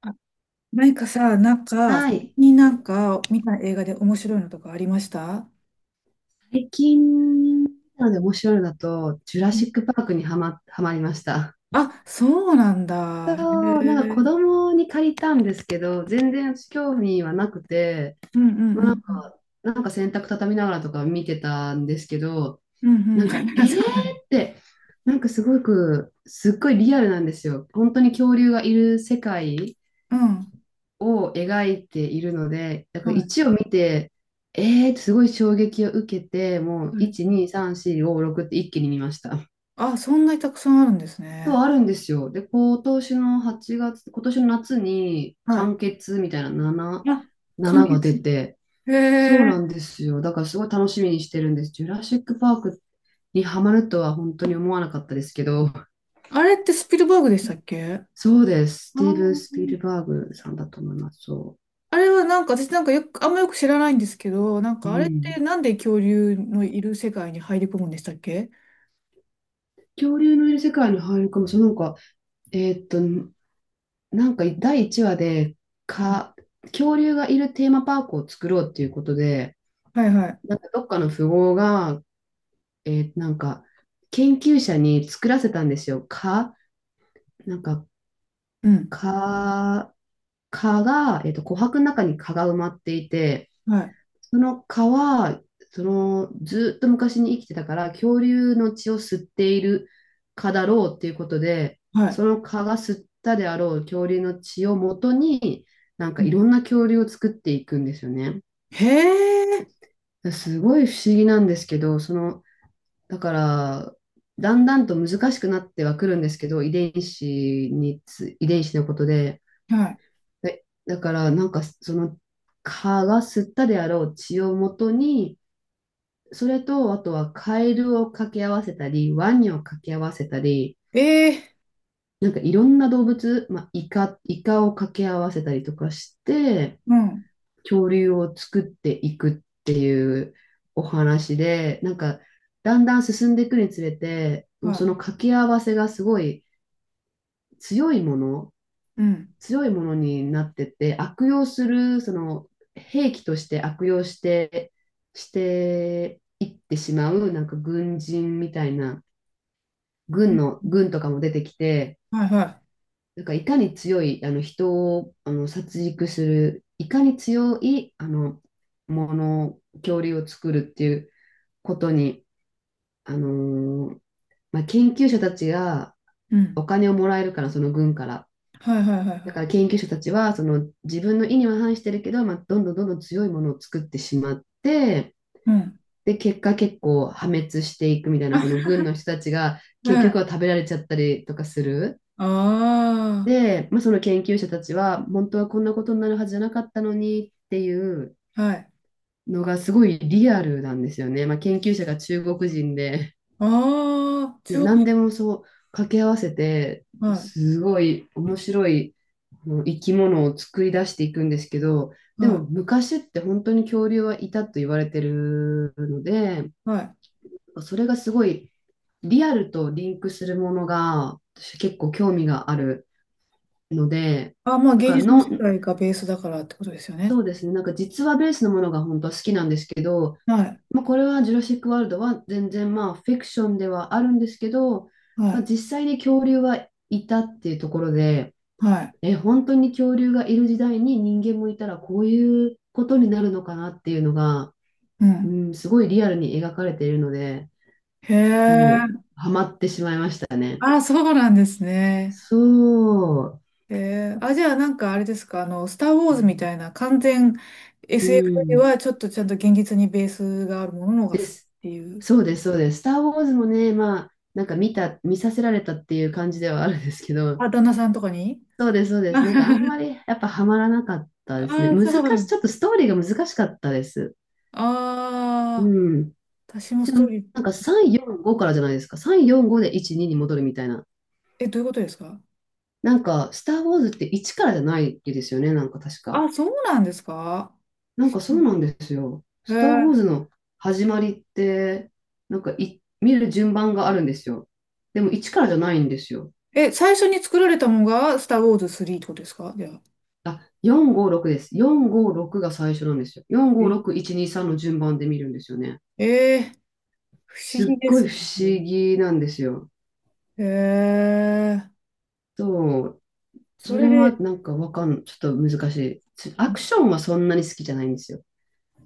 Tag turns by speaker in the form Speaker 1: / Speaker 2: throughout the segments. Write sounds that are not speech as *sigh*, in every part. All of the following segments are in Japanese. Speaker 1: あ。何かさ、なんか、
Speaker 2: は
Speaker 1: 最
Speaker 2: い。
Speaker 1: 近見た映画で面白いのとかありました
Speaker 2: 最近なので面白いのだと、ジュラ
Speaker 1: うん。
Speaker 2: シック・パークにはまりました。
Speaker 1: あ、そうなんだ。へ
Speaker 2: そう、なんか子
Speaker 1: え。
Speaker 2: 供に借りたんですけど、全然私興味はなくて、
Speaker 1: うんうんう
Speaker 2: ま
Speaker 1: ん
Speaker 2: あ、
Speaker 1: うん。
Speaker 2: なんか洗濯畳みながらとか見てたんですけど、
Speaker 1: うんう
Speaker 2: な
Speaker 1: ん。
Speaker 2: んか、え
Speaker 1: *laughs*
Speaker 2: ー
Speaker 1: そうなん
Speaker 2: って、なんかすごく、すっごいリアルなんですよ。本当に恐竜がいる世界
Speaker 1: だ。う
Speaker 2: を描いているので、だから
Speaker 1: ん。はい。
Speaker 2: 1を見て、えーってすごい衝撃を受けて、もう
Speaker 1: はい。
Speaker 2: 1、2、3、4、5、6って一気に見ました。
Speaker 1: あ、そんなにたくさんあるんです
Speaker 2: そう、
Speaker 1: ね。
Speaker 2: あるんですよ。で、今年の8月、今年の夏に
Speaker 1: はい。
Speaker 2: 完結みたいな
Speaker 1: あ、完
Speaker 2: 7が出
Speaker 1: 結。
Speaker 2: て、
Speaker 1: へ
Speaker 2: そうな
Speaker 1: え。
Speaker 2: んですよ。だからすごい楽しみにしてるんです。ジュラシック・パークにハマるとは本当に思わなかったですけど、
Speaker 1: あれってスピルバーグでしたっけ？あ
Speaker 2: そうです。スティーブン・スピ
Speaker 1: ー、
Speaker 2: ルバーグさんだと思います。そ
Speaker 1: あれは私よく、あんまよく知らないんですけど、
Speaker 2: う。う
Speaker 1: あれって
Speaker 2: ん。
Speaker 1: なんで恐竜のいる世界に入り込むんでしたっけ？
Speaker 2: 恐竜のいる世界に入るかも。そう、なんか、えーっと、なんか第1話で、
Speaker 1: うん。
Speaker 2: か、恐竜がいるテーマパークを作ろうっていうことで、
Speaker 1: はいはい。
Speaker 2: なんかどっかの富豪が、なんか研究者に作らせたんですよ。蚊、なんか
Speaker 1: うん。
Speaker 2: 蚊、蚊が、琥珀の中に蚊が埋まっていて、
Speaker 1: はい
Speaker 2: その蚊は、その、ずっと昔に生きてたから、恐竜の血を吸っている蚊だろうっていうことで、
Speaker 1: はい。
Speaker 2: その蚊が吸ったであろう恐竜の血を元に、なん
Speaker 1: う
Speaker 2: か
Speaker 1: ん。
Speaker 2: いろんな恐竜を作っていくんですよね。
Speaker 1: へえ。
Speaker 2: すごい不思議なんですけど、その、だから、だんだんと難しくなってはくるんですけど、遺伝子のことで、
Speaker 1: は
Speaker 2: でだから、なんかその蚊が吸ったであろう血を元に、それと、あとはカエルを掛け合わせたり、ワニを掛け合わせたり、
Speaker 1: い。ええ。
Speaker 2: なんかいろんな動物、まあ、イカを掛け合わせたりとかして、
Speaker 1: うん。
Speaker 2: 恐竜を作っていくっていうお話で、なんかだんだん進んでいくにつれて、も
Speaker 1: は
Speaker 2: うそ
Speaker 1: い。
Speaker 2: の掛け合わせがすごい強いもの、
Speaker 1: うん。
Speaker 2: 強いものになってて、悪用する、その兵器として悪用して、していってしまう、なんか軍人みたいな。
Speaker 1: うん。
Speaker 2: 軍とかも出てきて、
Speaker 1: はいは
Speaker 2: なんかいかに強い、あの人をあの殺戮する、いかに強いあのもの、恐竜を作るっていうことに、あのーまあ、研究者たちが
Speaker 1: い。うん。
Speaker 2: お金をもらえるから、その軍から。
Speaker 1: はいはいはいは
Speaker 2: だから
Speaker 1: い。
Speaker 2: 研究者たちはその自分の意には反してるけど、まあ、どんどんどんどん強いものを作ってしまって、
Speaker 1: うん。
Speaker 2: で、結果結構破滅していくみたいな、その
Speaker 1: *laughs*
Speaker 2: 軍の人たちが
Speaker 1: は
Speaker 2: 結局
Speaker 1: い。
Speaker 2: は食べられちゃったりとかする。
Speaker 1: あ
Speaker 2: で、まあ、その研究者たちは、本当はこんなことになるはずじゃなかったのにっていう
Speaker 1: あ、はい。
Speaker 2: のがすごいリアルなんですよね。まあ、研究者が中国人で、
Speaker 1: ああ、
Speaker 2: で、
Speaker 1: 中
Speaker 2: 何
Speaker 1: 国。
Speaker 2: でもそう掛け合わせて、
Speaker 1: はい、
Speaker 2: すごい面白い生き物を作り出していくんですけど、でも
Speaker 1: は
Speaker 2: 昔って本当に恐竜はいたと言われてるので、
Speaker 1: い、はい。
Speaker 2: それがすごいリアルとリンクするものが私結構興味があるので、
Speaker 1: あ、まあ、
Speaker 2: だ
Speaker 1: 芸
Speaker 2: から
Speaker 1: 術の世
Speaker 2: の
Speaker 1: 界がベースだからってことですよ
Speaker 2: そ
Speaker 1: ね。
Speaker 2: うですね。なんか実話ベースのものが本当は好きなんですけど、
Speaker 1: はい、
Speaker 2: まあ、これはジュラシック・ワールドは全然まあフィクションではあるんですけど、
Speaker 1: は
Speaker 2: まあ、
Speaker 1: い、
Speaker 2: 実際に恐竜はいたっていうところで、
Speaker 1: はい。
Speaker 2: え、本当に恐竜がいる時代に人間もいたらこういうことになるのかなっていうのが、
Speaker 1: う
Speaker 2: う
Speaker 1: ん。
Speaker 2: ん、すごいリアルに描かれているので、
Speaker 1: へえ。
Speaker 2: もうハマってしまいました。
Speaker 1: ああ、そうなんですね。
Speaker 2: そう。
Speaker 1: えー、あ、じゃああれですか、あの、スター・ウォーズみたいな完全
Speaker 2: う
Speaker 1: SF より
Speaker 2: ん、
Speaker 1: はちょっとちゃんと現実にベースがあるもののが好
Speaker 2: で
Speaker 1: きっ
Speaker 2: す。
Speaker 1: ていう。
Speaker 2: そうです、そうです。スター・ウォーズもね、まあ、なんか見させられたっていう感じではあるんですけど、
Speaker 1: あ、旦那さんとかに。
Speaker 2: そうです、そう
Speaker 1: *laughs*
Speaker 2: で
Speaker 1: あ
Speaker 2: す。なんかあんまりやっぱハマらなかったですね。
Speaker 1: あ、そう。
Speaker 2: ちょっとストーリーが難しかったです。
Speaker 1: ああ、
Speaker 2: うん。
Speaker 1: 私も
Speaker 2: し
Speaker 1: ス
Speaker 2: か
Speaker 1: トー
Speaker 2: も
Speaker 1: リー、
Speaker 2: なんか3、4、5からじゃないですか。3、4、5で1、2に戻るみたいな。
Speaker 1: え、どういうことですか？
Speaker 2: なんか、スター・ウォーズって1からじゃないですよね、なんか確
Speaker 1: あ、
Speaker 2: か。
Speaker 1: そうなんですか？
Speaker 2: なんか
Speaker 1: う
Speaker 2: そう
Speaker 1: ん。
Speaker 2: なんですよ。
Speaker 1: え
Speaker 2: スター・ウ
Speaker 1: ー。
Speaker 2: ォーズの始まりって、なんか見る順番があるんですよ。でも1からじゃないんですよ。
Speaker 1: え、最初に作られたのがスター・ウォーズ3ってことですかじゃあ。
Speaker 2: あ、456です。456が最初なんですよ。
Speaker 1: え。
Speaker 2: 456123の順番で見るんですよね。
Speaker 1: えー。不思
Speaker 2: す
Speaker 1: 議
Speaker 2: っ
Speaker 1: で
Speaker 2: ごい
Speaker 1: すね。
Speaker 2: 不思議なんですよ。
Speaker 1: えー、
Speaker 2: そう。
Speaker 1: そ
Speaker 2: それ
Speaker 1: れ
Speaker 2: は
Speaker 1: で、
Speaker 2: なんかわかん、ちょっと難しい。アクションはそんなに好きじゃないんですよ。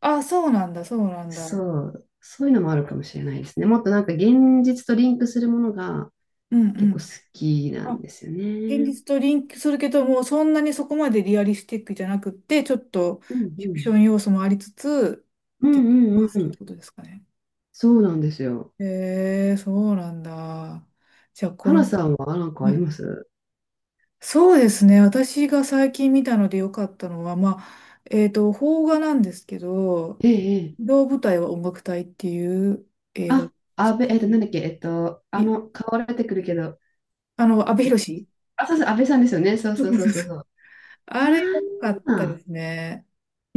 Speaker 1: あ、そうなんだ、そうなん
Speaker 2: そ
Speaker 1: だ。
Speaker 2: う。そういうのもあるかもしれないですね。もっとなんか現実とリンクするものが
Speaker 1: うん
Speaker 2: 結
Speaker 1: う
Speaker 2: 構好
Speaker 1: ん。
Speaker 2: きな
Speaker 1: あ、
Speaker 2: んですよ
Speaker 1: 現
Speaker 2: ね。
Speaker 1: 実とリンクするけども、そんなにそこまでリアリスティックじゃなくって、ちょっとフ
Speaker 2: うんう
Speaker 1: ィクショ
Speaker 2: ん。
Speaker 1: ン要素もありつつ、
Speaker 2: う
Speaker 1: って
Speaker 2: ん
Speaker 1: ま
Speaker 2: うん
Speaker 1: す
Speaker 2: う
Speaker 1: っ
Speaker 2: ん。
Speaker 1: てことですかね。
Speaker 2: そうなんですよ。
Speaker 1: へえ、そうなんだ。じゃあ、この、
Speaker 2: 花さんはなんかあ
Speaker 1: は
Speaker 2: り
Speaker 1: い、
Speaker 2: ます？
Speaker 1: そうですね。私が最近見たので良かったのは、まあ、邦画なんですけど、
Speaker 2: ええ、
Speaker 1: 移動舞台は音楽隊っていう映画。
Speaker 2: あ、安倍、えっと、なんだっけ、えっと、あ
Speaker 1: い、
Speaker 2: の、顔出てくるけど、
Speaker 1: あの、阿部寛。
Speaker 2: あ、そうそう、安倍さんですよね。そう
Speaker 1: そう
Speaker 2: そうそ
Speaker 1: そ
Speaker 2: う
Speaker 1: う
Speaker 2: そう
Speaker 1: そ
Speaker 2: そ
Speaker 1: う、
Speaker 2: う。
Speaker 1: あれ良かったで
Speaker 2: ああ、
Speaker 1: すね。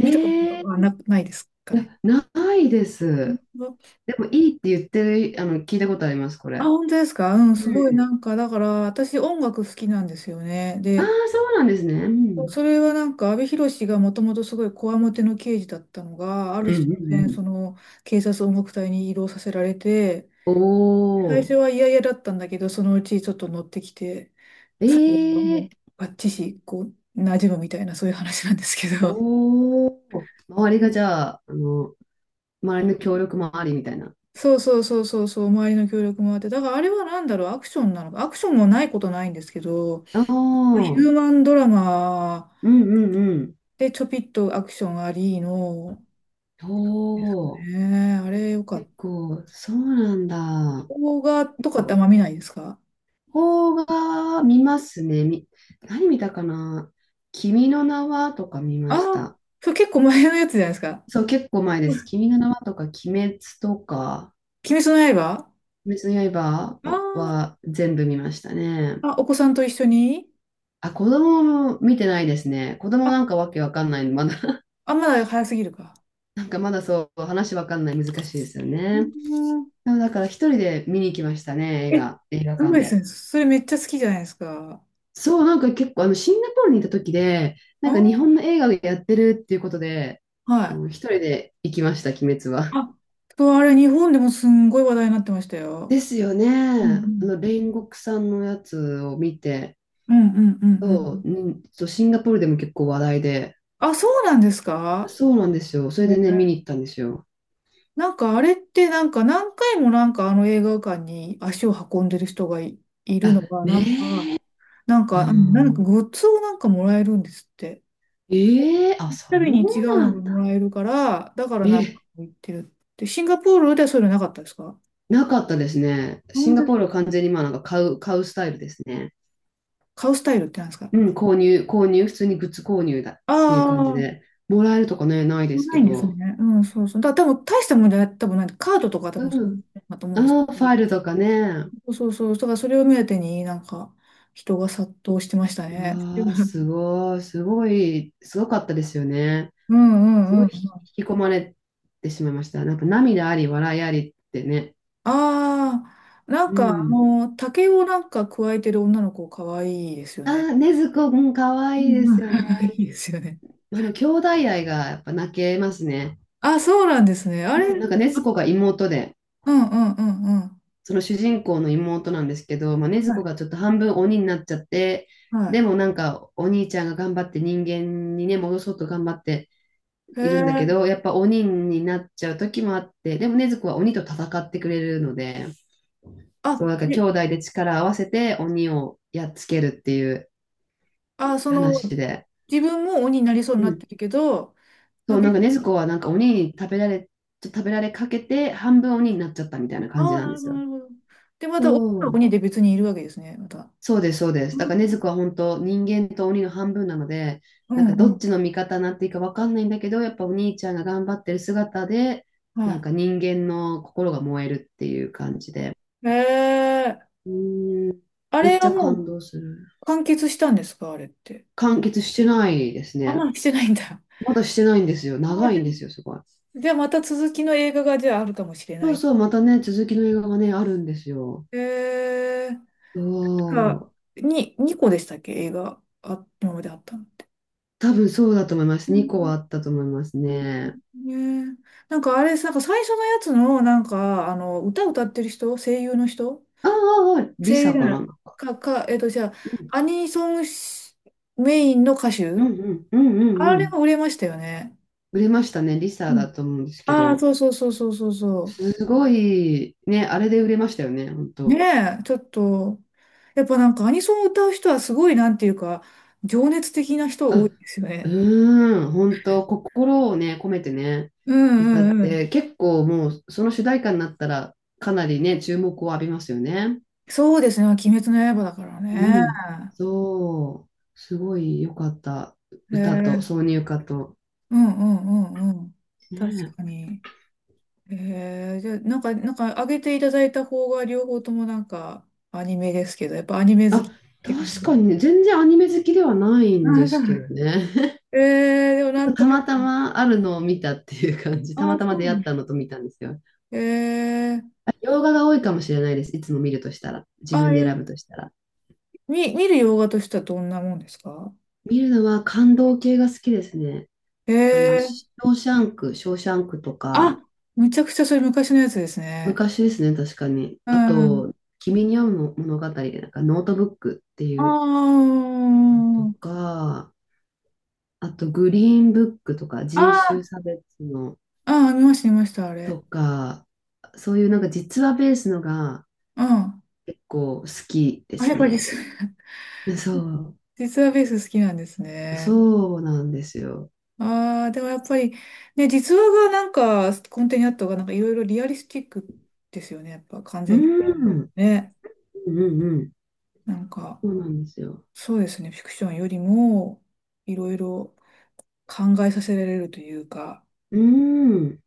Speaker 1: 見たこと
Speaker 2: え、
Speaker 1: はな、ないですか
Speaker 2: い
Speaker 1: ね。
Speaker 2: や、ないで
Speaker 1: 本
Speaker 2: す。
Speaker 1: 当？
Speaker 2: でも、いいって言ってる、あの、聞いたことあります、こ
Speaker 1: あ、
Speaker 2: れ。
Speaker 1: 本当ですか？うん、
Speaker 2: う
Speaker 1: すごい、
Speaker 2: ん。
Speaker 1: だから私音楽好きなんですよね。
Speaker 2: ああ、
Speaker 1: で、
Speaker 2: そうなんですね。うん。
Speaker 1: それは、阿部寛がもともとすごいこわもての刑事だったのが、ある
Speaker 2: うんう
Speaker 1: 日
Speaker 2: ん
Speaker 1: 突
Speaker 2: う
Speaker 1: 然、
Speaker 2: ん。
Speaker 1: その警察音楽隊に移動させられて、
Speaker 2: お
Speaker 1: 最初
Speaker 2: お、
Speaker 1: は嫌々だったんだけど、そのうちちょっと乗ってきて、
Speaker 2: え
Speaker 1: 最後はも
Speaker 2: え、
Speaker 1: うバッチシ、こう、馴染むみたいな、そういう話なんですけど。
Speaker 2: おお、周りがじゃあ、あの、周りの協力もありみたいな。
Speaker 1: そうそうそうそうそう、周りの協力もあって、だからあれはなんだろう、アクションなのか、アクションもないことないんですけど、
Speaker 2: ああ、
Speaker 1: ヒ
Speaker 2: う
Speaker 1: ュ
Speaker 2: ん
Speaker 1: ーマンドラマ
Speaker 2: うんうん。
Speaker 1: でちょぴっとアクションありの、
Speaker 2: お
Speaker 1: ですか
Speaker 2: お。
Speaker 1: ね、あれよかっ
Speaker 2: 結
Speaker 1: た。
Speaker 2: 構、そうなんだ。
Speaker 1: 動画と
Speaker 2: 結
Speaker 1: かってあん
Speaker 2: 構、
Speaker 1: ま見ないですか？
Speaker 2: 邦画見ますね。何見たかな。君の名はとか見
Speaker 1: あ
Speaker 2: まし
Speaker 1: あ、
Speaker 2: た。
Speaker 1: そう、結構前のやつじゃないですか。
Speaker 2: そう、結構前です。君の名はとか、鬼滅とか、
Speaker 1: 鬼滅の刃。
Speaker 2: 鬼滅の刃
Speaker 1: あ
Speaker 2: は、は全部見ましたね。
Speaker 1: あ、あ、お子さんと一緒に？
Speaker 2: あ、子供も見てないですね。子
Speaker 1: あ、
Speaker 2: 供なんかわけわかんないの、まだ *laughs*
Speaker 1: あ、まだ早すぎるか。
Speaker 2: なんかまだそう、話わかんない、難しいですよ
Speaker 1: うー
Speaker 2: ね。
Speaker 1: ん。
Speaker 2: だから一人で見に行きましたね、
Speaker 1: え、す
Speaker 2: 映画
Speaker 1: ご
Speaker 2: 館
Speaker 1: いです
Speaker 2: で。
Speaker 1: ね。それめっちゃ好きじゃないですか。
Speaker 2: そう、なんか結構あのシンガポールにいた時で、な
Speaker 1: あ
Speaker 2: んか日
Speaker 1: ー、
Speaker 2: 本の映画をやってるっていうことで、
Speaker 1: は
Speaker 2: あ
Speaker 1: い。
Speaker 2: の一人で行きました、鬼滅は。
Speaker 1: あ、そう、あれ、日本でもすんごい話題になってましたよ。
Speaker 2: ですよね。
Speaker 1: う
Speaker 2: あ
Speaker 1: ん
Speaker 2: の煉獄さんのやつを見て、
Speaker 1: うんうんうんうんう
Speaker 2: そう、
Speaker 1: ん。
Speaker 2: うん、そうシンガポールでも結構話題で、
Speaker 1: あ、そうなんですか？
Speaker 2: そうなんですよ。それで
Speaker 1: ね、
Speaker 2: ね、見に行ったんですよ。
Speaker 1: あれって何回もあの映画館に足を運んでる人がい、いる
Speaker 2: あ、
Speaker 1: のが、
Speaker 2: ねえ、う
Speaker 1: うん、
Speaker 2: ん、
Speaker 1: グッズをもらえるんですって。
Speaker 2: ええ、あ、そ
Speaker 1: たび
Speaker 2: う
Speaker 1: に違う
Speaker 2: な
Speaker 1: のが
Speaker 2: ん
Speaker 1: もら
Speaker 2: だ。
Speaker 1: えるから、だから
Speaker 2: え、
Speaker 1: 言ってるって。シンガポールではそういうのなかったですか？
Speaker 2: なかったですね。
Speaker 1: な
Speaker 2: シ
Speaker 1: ん
Speaker 2: ンガ
Speaker 1: で
Speaker 2: ポールは完全にまあなんか買うスタイルですね。
Speaker 1: 買うスタイルってなんですか？
Speaker 2: うん、購入、購入、普通にグッズ購入だっていう感じ
Speaker 1: ああ、
Speaker 2: で、もらえるとかね、ないです
Speaker 1: な
Speaker 2: け
Speaker 1: いんです
Speaker 2: ど、
Speaker 1: ね。うん、そうそう。だ、多分大したもんじゃない、多分なんで、カードとか多
Speaker 2: う
Speaker 1: 分そうう、
Speaker 2: ん、
Speaker 1: だと思うんですけ
Speaker 2: ああ、フ
Speaker 1: ど。
Speaker 2: ァイルとかね、
Speaker 1: そうそうそう。だからそれを目当てに人が殺到してましたね。
Speaker 2: わあ、
Speaker 1: *laughs*
Speaker 2: すごかったですよね。
Speaker 1: う
Speaker 2: す
Speaker 1: んうん
Speaker 2: ご
Speaker 1: う
Speaker 2: い
Speaker 1: ん。
Speaker 2: 引き込まれてしまいました。なんか涙あり、笑いありってね。
Speaker 1: ああ、
Speaker 2: うん。
Speaker 1: 竹を加えてる女の子可愛いですよね。
Speaker 2: ああ、ねずこ、うん、かわ
Speaker 1: う
Speaker 2: いい
Speaker 1: ん
Speaker 2: で
Speaker 1: う
Speaker 2: すよね。
Speaker 1: ん。*laughs* いいですよね。
Speaker 2: あの、兄弟愛がやっぱ泣けますね。
Speaker 1: あ、そうなんですね。あ
Speaker 2: う
Speaker 1: れ、
Speaker 2: ん、なんかねず
Speaker 1: あ。
Speaker 2: こが妹で、
Speaker 1: うんうんうんうん。
Speaker 2: その主人公の妹なんですけど、まあ、禰豆
Speaker 1: は
Speaker 2: 子
Speaker 1: い。
Speaker 2: がちょっと半分鬼になっちゃって、
Speaker 1: は
Speaker 2: でもなんかお兄ちゃんが頑張って人間にね、戻そうと頑張って
Speaker 1: い。へ
Speaker 2: いるんだけど、
Speaker 1: え。
Speaker 2: やっぱ鬼になっちゃう時もあって、でも禰豆子は鬼と戦ってくれるので、そう、
Speaker 1: あ、
Speaker 2: なんか兄
Speaker 1: で、
Speaker 2: 弟で力を合わせて鬼をやっつけるっていう
Speaker 1: あ、その、
Speaker 2: 話で。
Speaker 1: 自分も鬼になりそうに
Speaker 2: う
Speaker 1: なっ
Speaker 2: ん。
Speaker 1: てるけど、ま
Speaker 2: そ
Speaker 1: あ、
Speaker 2: う、なんか
Speaker 1: 別。
Speaker 2: 禰豆子はなんか鬼に食べられ、食べられかけて半分鬼になっちゃったみたいな感
Speaker 1: あ
Speaker 2: じ
Speaker 1: あ、
Speaker 2: なん
Speaker 1: な
Speaker 2: で
Speaker 1: るほ
Speaker 2: す
Speaker 1: ど、な
Speaker 2: よ。
Speaker 1: るほど。で、また、女
Speaker 2: そ
Speaker 1: の子
Speaker 2: う、
Speaker 1: にで別にいるわけですね、また。
Speaker 2: そうです、そうです。
Speaker 1: うん、
Speaker 2: だから禰豆子は本当人間と鬼の半分なので、
Speaker 1: う
Speaker 2: なんかどっ
Speaker 1: ん、
Speaker 2: ちの味方になっていいかわかんないんだけど、やっぱお兄ちゃんが頑張ってる姿で、なん
Speaker 1: は
Speaker 2: か人間の心が燃えるっていう感じで。
Speaker 1: い。へえ、
Speaker 2: うーん、
Speaker 1: あ
Speaker 2: め
Speaker 1: れ
Speaker 2: っち
Speaker 1: は
Speaker 2: ゃ
Speaker 1: も
Speaker 2: 感動する。
Speaker 1: う完結したんですか、あれって？
Speaker 2: 完結してないです
Speaker 1: あ、
Speaker 2: ね。
Speaker 1: まあ、してないんだ。
Speaker 2: まだしてないんですよ。
Speaker 1: あ
Speaker 2: 長い
Speaker 1: で、
Speaker 2: んですよ、すごい。
Speaker 1: じゃあ、また続きの映画が、じゃあ、あるかもしれ
Speaker 2: そ
Speaker 1: な
Speaker 2: う
Speaker 1: い。
Speaker 2: そう、またね、続きの映画がね、あるんですよ。
Speaker 1: へえ、
Speaker 2: そ
Speaker 1: か、
Speaker 2: う。
Speaker 1: に、2個でしたっけ、映画、あ、今まであったのって。
Speaker 2: 多分そうだと思いま
Speaker 1: う
Speaker 2: す。2個
Speaker 1: ん。
Speaker 2: はあったと思いますね。
Speaker 1: ねえ、あれ、最初のやつの、あの、歌歌ってる人、声優の人、
Speaker 2: ああ、ああ、リ
Speaker 1: 声優
Speaker 2: サ
Speaker 1: じゃ
Speaker 2: か
Speaker 1: ない。
Speaker 2: な。
Speaker 1: か、か、じゃあ、
Speaker 2: うん
Speaker 1: アニソンし、メインの歌
Speaker 2: うん
Speaker 1: 手、
Speaker 2: うんうんうんう
Speaker 1: あれ
Speaker 2: ん。
Speaker 1: も売れましたよね。
Speaker 2: 売れましたね。リサ
Speaker 1: うん。
Speaker 2: だと思うんですけ
Speaker 1: ああ、
Speaker 2: ど。
Speaker 1: そうそうそうそうそうそ
Speaker 2: すごい、ね、あれで売れましたよね、本
Speaker 1: う。
Speaker 2: 当。
Speaker 1: ねえ、ちょっと、やっぱアニソンを歌う人はすごい、なんていうか、情熱的な
Speaker 2: う、
Speaker 1: 人多いですよ
Speaker 2: う
Speaker 1: ね。
Speaker 2: ーん、本当、心をね、込めてね、
Speaker 1: う
Speaker 2: 歌
Speaker 1: ん
Speaker 2: っ
Speaker 1: うんうん。
Speaker 2: て、結構もう、その主題歌になったら、かなりね、注目を浴びますよね。
Speaker 1: そうですね、鬼滅の刃だから
Speaker 2: う
Speaker 1: ね。
Speaker 2: ん。そう、すごい良かった。歌と、
Speaker 1: え
Speaker 2: 挿
Speaker 1: え。
Speaker 2: 入歌と。
Speaker 1: うんうんうんうん。確
Speaker 2: ね
Speaker 1: か
Speaker 2: え。
Speaker 1: に。へえ、じゃあ、上げていただいた方が、両方とも、アニメですけど、やっぱアニメ好き
Speaker 2: あ、
Speaker 1: って感
Speaker 2: 確か
Speaker 1: じ。
Speaker 2: にね、全然アニメ好きではないんで
Speaker 1: あ、そ
Speaker 2: す
Speaker 1: う。
Speaker 2: けどね。
Speaker 1: ええ、でもなんと
Speaker 2: た
Speaker 1: な
Speaker 2: ま
Speaker 1: く、
Speaker 2: たまあるのを見たっていう感じ。たま
Speaker 1: あ、
Speaker 2: た
Speaker 1: そ
Speaker 2: ま
Speaker 1: う
Speaker 2: 出会
Speaker 1: なん
Speaker 2: っ
Speaker 1: だ。
Speaker 2: たのと見たんですよ。
Speaker 1: えー、
Speaker 2: 洋画が多いかもしれないです。いつも見るとしたら。自
Speaker 1: あ、
Speaker 2: 分
Speaker 1: い
Speaker 2: で
Speaker 1: や、
Speaker 2: 選ぶとしたら。
Speaker 1: 見、見る洋画としてはどんなもんですか？
Speaker 2: 見るのは感動系が好きですね。あの、
Speaker 1: ええ。
Speaker 2: ショーシャンクと
Speaker 1: あ、
Speaker 2: か、
Speaker 1: めちゃくちゃそれ昔のやつですね。
Speaker 2: 昔ですね、確かに。
Speaker 1: う
Speaker 2: あ
Speaker 1: ん。
Speaker 2: と、君に会う物語で、なんかノートブックって
Speaker 1: あ
Speaker 2: いうのと
Speaker 1: あ、
Speaker 2: か、あと、グリーンブックとか、人種
Speaker 1: ああ、
Speaker 2: 差別の
Speaker 1: ああ、見ました、見ました、あれ。
Speaker 2: とか、そういうなんか実話ベースのが
Speaker 1: うん。
Speaker 2: 結構好きで
Speaker 1: あ、や
Speaker 2: す
Speaker 1: っぱ
Speaker 2: ね。
Speaker 1: 実、*laughs*
Speaker 2: そ
Speaker 1: 実はベース好きなんです
Speaker 2: う、
Speaker 1: ね。
Speaker 2: そうなんですよ。
Speaker 1: ああ、でもやっぱり、ね、実話が、コンテにあった方が、なんかいろいろリアリスティックですよね。やっぱ完
Speaker 2: う
Speaker 1: 全フィクション
Speaker 2: ん、
Speaker 1: ね。
Speaker 2: うん、うん、
Speaker 1: なんか、
Speaker 2: そうなんですよ。
Speaker 1: そうですね。フィクションよりも、いろいろ考えさせられるというか、
Speaker 2: うん。